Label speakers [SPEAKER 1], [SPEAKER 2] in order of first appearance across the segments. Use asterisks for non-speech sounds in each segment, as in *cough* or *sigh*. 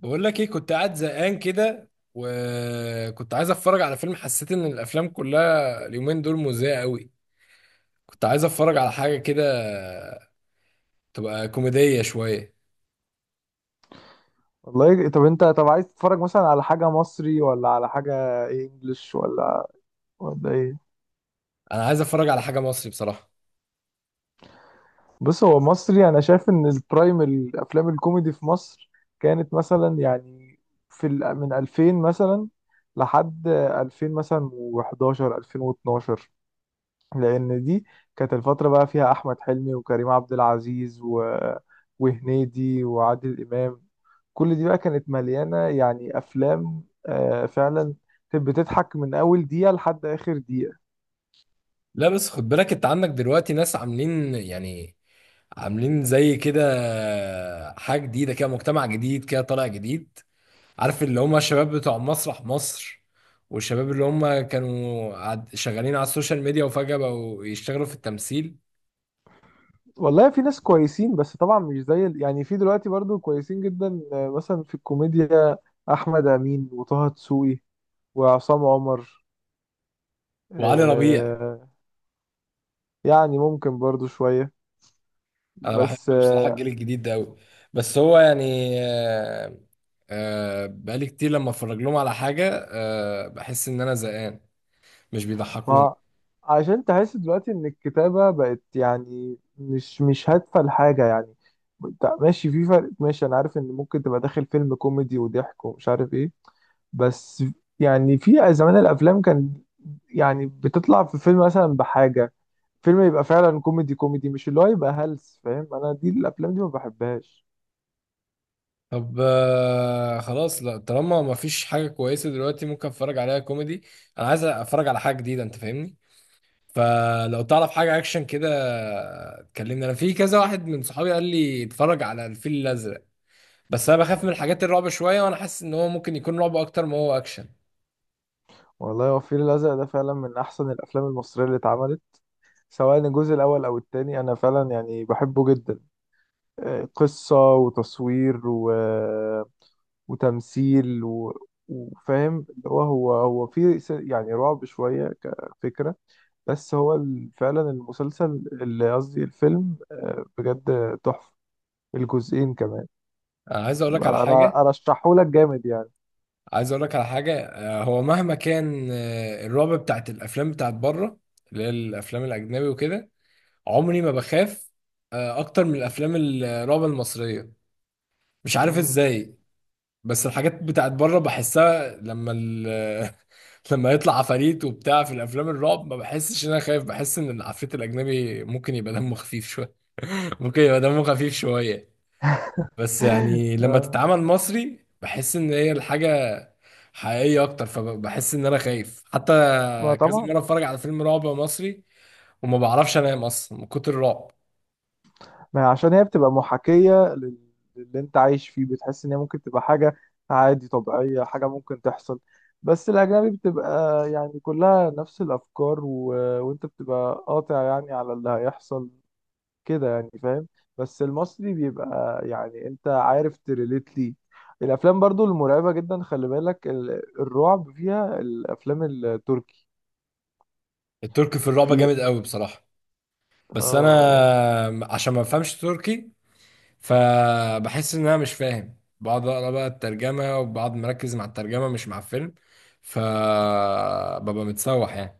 [SPEAKER 1] بقول لك ايه، كنت قاعد زهقان كده وكنت عايز اتفرج على فيلم. حسيت ان الافلام كلها اليومين دول مزهقه قوي. كنت عايز اتفرج على حاجه كده تبقى كوميديه شويه.
[SPEAKER 2] والله طب انت عايز تتفرج مثلا على حاجة مصري، ولا على حاجة ايه، انجلش، ولا ايه؟
[SPEAKER 1] انا عايز اتفرج على حاجه مصري بصراحه.
[SPEAKER 2] بص، هو مصري. انا شايف ان البرايم الافلام الكوميدي في مصر كانت مثلا يعني من 2000 مثلا لحد 2000 مثلا و11 2012، لان دي كانت الفترة بقى فيها احمد حلمي وكريم عبد العزيز و... وهنيدي وعادل امام. كل دي بقى كانت مليانة يعني أفلام، فعلا كانت بتضحك من أول دقيقة لحد آخر دقيقة.
[SPEAKER 1] لا، بس خد بالك انت عندك دلوقتي ناس عاملين، يعني عاملين زي كده حاجه جديده كده، مجتمع جديد كده طالع جديد. عارف اللي هم الشباب بتوع مسرح مصر، والشباب اللي هم كانوا شغالين على السوشيال ميديا وفجأة بقوا يشتغلوا في التمثيل.
[SPEAKER 2] والله في ناس كويسين، بس طبعا مش زي يعني في دلوقتي برضو كويسين جدا. آه مثلا في الكوميديا أحمد أمين وطه دسوقي وعصام عمر.
[SPEAKER 1] وعلي ربيع.
[SPEAKER 2] آه يعني ممكن برضو شوية،
[SPEAKER 1] انا
[SPEAKER 2] بس
[SPEAKER 1] بحب بصراحه الجيل الجديد ده قوي. بس هو يعني، بقالي كتير لما اتفرج لهم على حاجه، بحس ان انا زهقان. مش بيضحكوني.
[SPEAKER 2] ما عشان تحس دلوقتي ان الكتابة بقت يعني مش هادفة لحاجة يعني. انت ماشي في فرق، ماشي، انا عارف ان ممكن تبقى داخل فيلم كوميدي وضحك ومش عارف ايه، بس يعني في زمان الافلام كان يعني بتطلع في فيلم مثلا بحاجة، فيلم يبقى فعلا كوميدي كوميدي، مش اللي هو يبقى هلس. فاهم، انا دي الافلام دي ما بحبهاش.
[SPEAKER 1] طب خلاص، لا طالما ما فيش حاجه كويسه دلوقتي ممكن اتفرج عليها كوميدي. انا عايز اتفرج على حاجه جديده، انت فاهمني. فلو تعرف حاجه اكشن كده، كلمني. انا في كذا واحد من صحابي قال لي اتفرج على الفيل الازرق، بس انا بخاف من الحاجات الرعب شويه، وانا حاسس ان هو ممكن يكون رعب اكتر ما هو اكشن.
[SPEAKER 2] والله هو الفيل الازرق ده فعلا من احسن الافلام المصرية اللي اتعملت، سواء الجزء الاول او التاني. انا فعلا يعني بحبه جدا، قصة وتصوير و... وتمثيل و... وفاهم اللي هو في يعني رعب شوية كفكرة. بس هو فعلا المسلسل، اللي قصدي الفيلم، بجد تحفة، الجزئين كمان.
[SPEAKER 1] آه، عايز اقول لك على
[SPEAKER 2] انا
[SPEAKER 1] حاجه
[SPEAKER 2] انا ارشحهولك جامد يعني.
[SPEAKER 1] عايز اقول لك على حاجه، هو مهما كان الرعب بتاعت الافلام بتاعت بره، اللي هي الافلام الاجنبي وكده، عمري ما بخاف اكتر من الافلام الرعب المصريه. مش عارف
[SPEAKER 2] مم.
[SPEAKER 1] ازاي. بس الحاجات بتاعت بره بحسها لما *laughs* لما يطلع عفاريت وبتاع في الافلام الرعب ما بحسش ان انا خايف، بحس ان العفريت الاجنبي ممكن يبقى دمه خفيف شويه. *laughs* ممكن يبقى دمه خفيف شويه.
[SPEAKER 2] *laughs*
[SPEAKER 1] بس يعني لما
[SPEAKER 2] آه،
[SPEAKER 1] تتعامل مصري بحس ان هي الحاجه حقيقي اكتر، فبحس ان انا خايف حتى.
[SPEAKER 2] ما
[SPEAKER 1] كذا
[SPEAKER 2] طبعا.
[SPEAKER 1] مره اتفرج على فيلم رعب مصري وما بعرفش انام اصلا من كتر الرعب.
[SPEAKER 2] ما هي عشان هي بتبقى محاكية للي انت عايش فيه، بتحس ان هي ممكن تبقى حاجة عادي طبيعية، حاجة ممكن تحصل. بس الأجنبي بتبقى يعني كلها نفس الأفكار و... وانت بتبقى قاطع يعني على اللي هيحصل كده، يعني فاهم. بس المصري بيبقى يعني انت عارف تريليت ليه. الأفلام برضو المرعبة جدا، خلي بالك الرعب فيها الأفلام التركي.
[SPEAKER 1] التركي في الرعب
[SPEAKER 2] في
[SPEAKER 1] جامد قوي بصراحه. بس
[SPEAKER 2] اه يعني
[SPEAKER 1] انا عشان ما بفهمش تركي، فبحس ان انا مش فاهم، بقعد اقرا بقى الترجمه وبقعد مركز مع الترجمه مش مع الفيلم. فببقى متسوح يعني.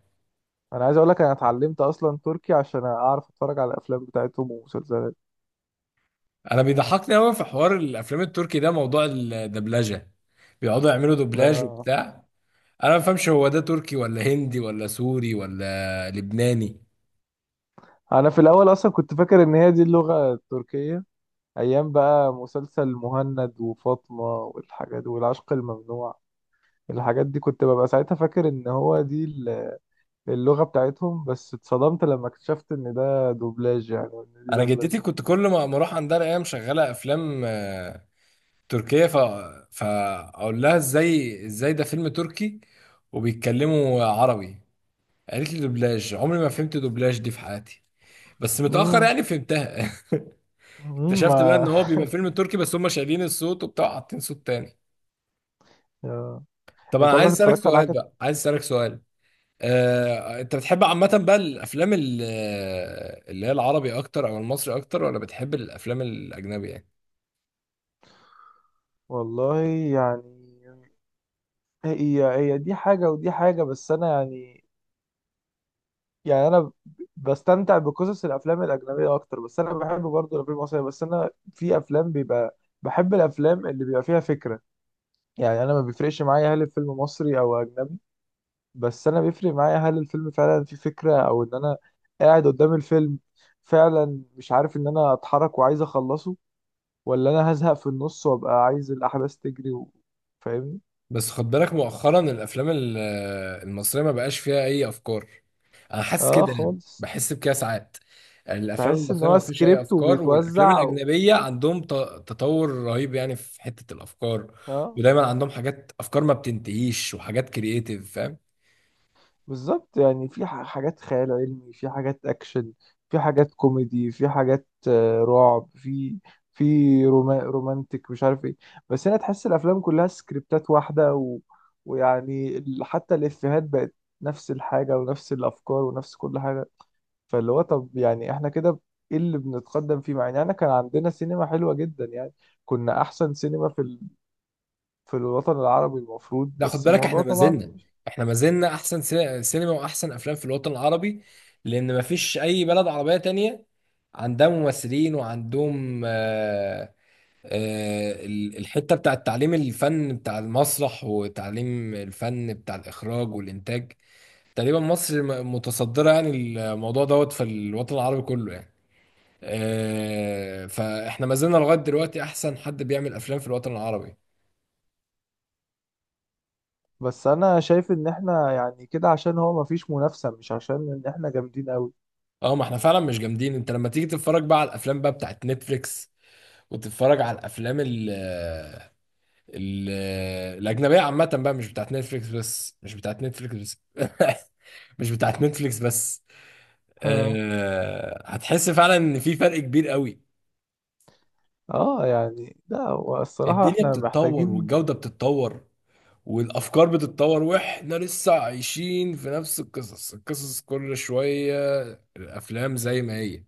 [SPEAKER 2] انا عايز اقول لك، انا اتعلمت اصلا تركي عشان اعرف اتفرج على الافلام بتاعتهم ومسلسلات.
[SPEAKER 1] انا بيضحكني قوي في حوار الافلام التركي ده موضوع الدبلجه. بيقعدوا يعملوا دوبلاج
[SPEAKER 2] آه.
[SPEAKER 1] وبتاع. انا ما بفهمش هو ده تركي ولا هندي ولا سوري ولا لبناني.
[SPEAKER 2] انا في الاول اصلا كنت فاكر ان هي دي اللغة التركية، ايام بقى مسلسل مهند وفاطمة والحاجات والعشق الممنوع. الحاجات دي كنت ببقى ساعتها فاكر ان هو دي اللغة بتاعتهم، بس اتصدمت لما اكتشفت ان ده دوبلاج يعني، وان دي
[SPEAKER 1] انا جدتي
[SPEAKER 2] دبلجة.
[SPEAKER 1] كنت كل ما اروح عندها الاقيها مشغله افلام تركيه، فاقول لها ازاي ازاي ده فيلم تركي وبيتكلموا عربي. قالت لي دوبلاج، عمري ما فهمت دوبلاج دي في حياتي، بس متاخر
[SPEAKER 2] امم
[SPEAKER 1] يعني فهمتها. *laughs* اكتشفت بقى ان
[SPEAKER 2] ما.
[SPEAKER 1] هو بيبقى فيلم تركي بس هم شايلين الصوت وبتاع حاطين صوت تاني.
[SPEAKER 2] *laughs* آه.
[SPEAKER 1] طب انا
[SPEAKER 2] انت
[SPEAKER 1] عايز
[SPEAKER 2] عمرك
[SPEAKER 1] اسالك
[SPEAKER 2] اتفرجت على
[SPEAKER 1] سؤال
[SPEAKER 2] حاجة؟
[SPEAKER 1] بقى. عايز اسالك سؤال انت بتحب عامة بقى الافلام اللي هي العربي اكتر او المصري اكتر، ولا بتحب الافلام الاجنبي يعني؟
[SPEAKER 2] والله يعني هي دي حاجة ودي حاجة، بس انا يعني يعني انا بستمتع بقصص الافلام الاجنبيه اكتر، بس انا بحب برضه الافلام المصريه. بس انا في افلام بيبقى، بحب الافلام اللي بيبقى فيها فكره. يعني انا ما بيفرقش معايا هل الفيلم مصري او اجنبي، بس انا بيفرق معايا هل الفيلم فعلا فيه فكره، او ان انا قاعد قدام الفيلم فعلا مش عارف ان انا اتحرك وعايز اخلصه، ولا انا هزهق في النص وابقى عايز الاحداث تجري و... فاهمني؟
[SPEAKER 1] بس خد بالك مؤخرا الافلام المصرية ما بقاش فيها اي افكار. انا حاسس
[SPEAKER 2] اه
[SPEAKER 1] كده، يعني
[SPEAKER 2] خالص.
[SPEAKER 1] بحس بكده ساعات الافلام
[SPEAKER 2] تحس ان
[SPEAKER 1] المصرية ما
[SPEAKER 2] هو
[SPEAKER 1] فيش اي
[SPEAKER 2] سكريبت
[SPEAKER 1] افكار، والافلام
[SPEAKER 2] وبيتوزع و...
[SPEAKER 1] الاجنبية عندهم تطور رهيب يعني في حتة الافكار.
[SPEAKER 2] اه
[SPEAKER 1] ودايما عندهم حاجات، افكار ما بتنتهيش وحاجات كرييتيف، فاهم.
[SPEAKER 2] بالظبط يعني في حاجات خيال علمي، في حاجات اكشن، في حاجات كوميدي، في حاجات رعب، في روما رومانتك مش عارف ايه. بس انا تحس الافلام كلها سكريبتات واحده و... ويعني حتى الافيهات بقت نفس الحاجه ونفس الافكار ونفس كل حاجه. فاللي هو طب يعني احنا كده ايه اللي بنتقدم فيه، مع ان احنا كان عندنا سينما حلوه جدا يعني. كنا احسن سينما في ال... في الوطن العربي المفروض،
[SPEAKER 1] لا، خد
[SPEAKER 2] بس
[SPEAKER 1] بالك
[SPEAKER 2] الموضوع طبعا.
[SPEAKER 1] احنا ما زلنا احسن سينما واحسن افلام في الوطن العربي. لان ما فيش اي بلد عربية تانية عندها ممثلين وعندهم الحتة بتاع تعليم الفن بتاع المسرح، وتعليم الفن بتاع الاخراج والانتاج. تقريبا مصر متصدرة يعني الموضوع دوت في الوطن العربي كله يعني. فاحنا ما زلنا لغاية دلوقتي احسن حد بيعمل افلام في الوطن العربي.
[SPEAKER 2] بس انا شايف ان احنا يعني كده عشان هو مفيش منافسة، مش عشان ان احنا جامدين قوي.
[SPEAKER 1] اه، ما احنا فعلا مش جامدين. انت لما تيجي تتفرج بقى على الافلام بقى بتاعت نتفليكس، وتتفرج على الافلام ال الاجنبيه عامه بقى، مش بتاعت نتفليكس بس *laughs* مش بتاعت نتفليكس بس.
[SPEAKER 2] ها،
[SPEAKER 1] أه، هتحس فعلا ان في فرق كبير قوي.
[SPEAKER 2] اه يعني، لا، هو الصراحة
[SPEAKER 1] الدنيا
[SPEAKER 2] احنا
[SPEAKER 1] بتتطور
[SPEAKER 2] محتاجين.
[SPEAKER 1] والجوده بتتطور والافكار بتتطور، واحنا لسه عايشين في نفس القصص كل شويه. الافلام زي ما هي.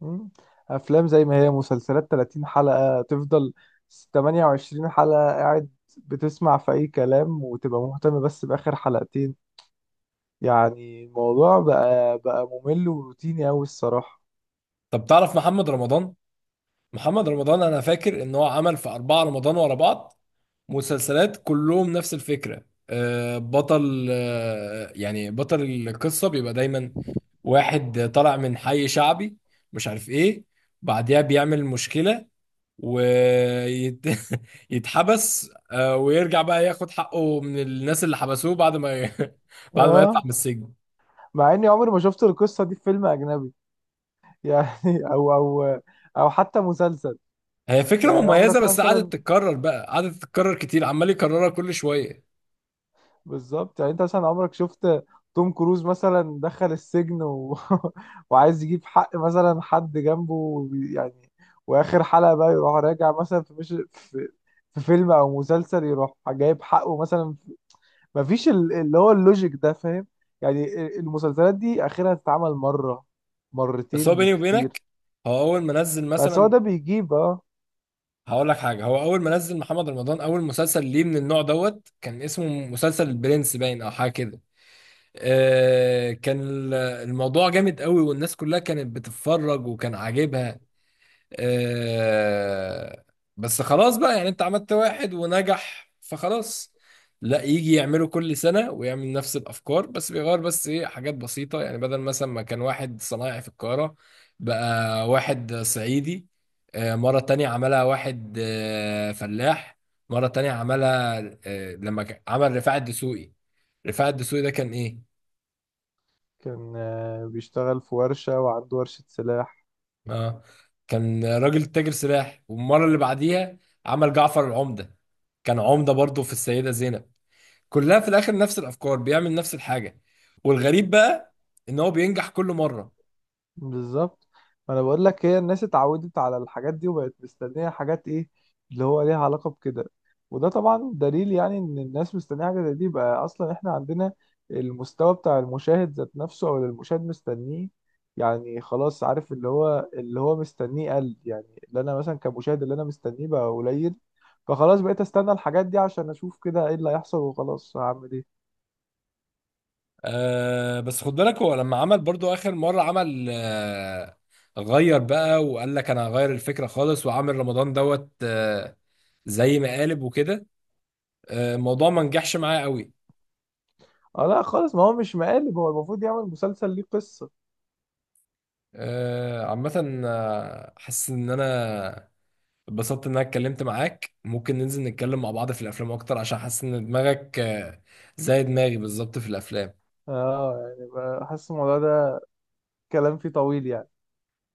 [SPEAKER 2] مم، افلام زي ما هي، مسلسلات 30 حلقة تفضل، 28 حلقة قاعد بتسمع في اي كلام وتبقى مهتم بس باخر حلقتين. يعني الموضوع بقى ممل وروتيني قوي الصراحة.
[SPEAKER 1] طب تعرف محمد رمضان؟ محمد رمضان انا فاكر ان هو عمل في 4 رمضان ورا بعض مسلسلات كلهم نفس الفكرة. آه، بطل آه، يعني بطل القصة بيبقى دايما واحد طالع من حي شعبي، مش عارف ايه، بعدها بيعمل مشكلة ويتحبس *laughs* ويرجع بقى ياخد حقه من الناس اللي حبسوه بعد ما ي- *laughs* بعد ما يطلع من
[SPEAKER 2] اه،
[SPEAKER 1] السجن.
[SPEAKER 2] مع اني عمري ما شفت القصة دي في فيلم اجنبي يعني، *laughs* او او حتى مسلسل.
[SPEAKER 1] هي فكرة
[SPEAKER 2] يعني
[SPEAKER 1] مميزة،
[SPEAKER 2] عمرك
[SPEAKER 1] بس
[SPEAKER 2] مثلا،
[SPEAKER 1] قعدت تتكرر كتير، عمال يكررها كل شوية.
[SPEAKER 2] بالظبط يعني انت مثلا عمرك شفت توم كروز مثلا دخل السجن و... *laughs* وعايز يجيب حق مثلا حد جنبه يعني، واخر حلقة بقى يروح راجع مثلا في مش في في فيلم او مسلسل يروح جايب حقه مثلا. مفيش اللي هو اللوجيك ده، فاهم؟ يعني المسلسلات دي اخرها تتعمل مرة،
[SPEAKER 1] بس هو
[SPEAKER 2] مرتين
[SPEAKER 1] بيني
[SPEAKER 2] بالكتير.
[SPEAKER 1] وبينك، هو اول ما نزل
[SPEAKER 2] بس هو
[SPEAKER 1] مثلا
[SPEAKER 2] ده بيجيب اه.
[SPEAKER 1] هقول لك حاجه: هو اول ما نزل محمد رمضان، اول مسلسل ليه من النوع دوت، كان اسمه مسلسل البرنس باين او حاجه كده. كان الموضوع جامد قوي، والناس كلها كانت بتتفرج وكان عاجبها. آه بس خلاص بقى، يعني انت عملت واحد ونجح فخلاص. لا، يجي يعمله كل سنة ويعمل نفس الأفكار، بس بيغير بس ايه حاجات بسيطة، يعني بدل مثلا ما كان واحد صنايعي في القاهرة، بقى واحد صعيدي. مرة تانية عملها واحد فلاح. مرة تانية عملها لما عمل رفاعي الدسوقي. رفاعي الدسوقي ده كان ايه؟
[SPEAKER 2] كان بيشتغل في ورشة، وعنده ورشة سلاح.
[SPEAKER 1] اه، كان راجل تاجر سلاح، والمره اللي بعديها عمل جعفر العمده، كان عمده برضه في السيده زينب. كلها في الاخر نفس الافكار، بيعمل نفس الحاجه. والغريب بقى ان هو بينجح كل مره.
[SPEAKER 2] بالظبط. ما انا بقول لك، هي الناس اتعودت على الحاجات دي وبقت مستنيه حاجات ايه اللي هو ليها علاقه بكده، وده طبعا دليل يعني ان الناس مستنيه حاجه زي دي. بقى اصلا احنا عندنا المستوى بتاع المشاهد ذات نفسه، او اللي المشاهد مستنيه. يعني خلاص، عارف اللي هو مستنيه قل، يعني اللي انا مثلا كمشاهد اللي انا مستنيه بقى قليل. فخلاص بقيت استنى الحاجات دي عشان اشوف كده ايه اللي هيحصل، وخلاص هعمل ايه.
[SPEAKER 1] بس خد بالك هو لما عمل برضه اخر مره عمل غير بقى، وقال لك انا هغير الفكره خالص، وعامل رمضان دوت زي مقالب وكده. الموضوع ما نجحش معايا قوي.
[SPEAKER 2] اه لا خالص، ما هو مش مقالب، هو المفروض يعمل مسلسل ليه قصه.
[SPEAKER 1] عامه، حاسس ان انا اتبسطت ان انا اتكلمت معاك، ممكن ننزل نتكلم مع بعض في الافلام اكتر، عشان حاسس ان دماغك زي دماغي بالظبط في الافلام.
[SPEAKER 2] اه يعني بحس الموضوع ده كلام فيه طويل يعني.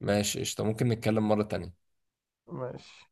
[SPEAKER 1] ماشي، قشطة، ممكن نتكلم مرة تانية.
[SPEAKER 2] ماشي.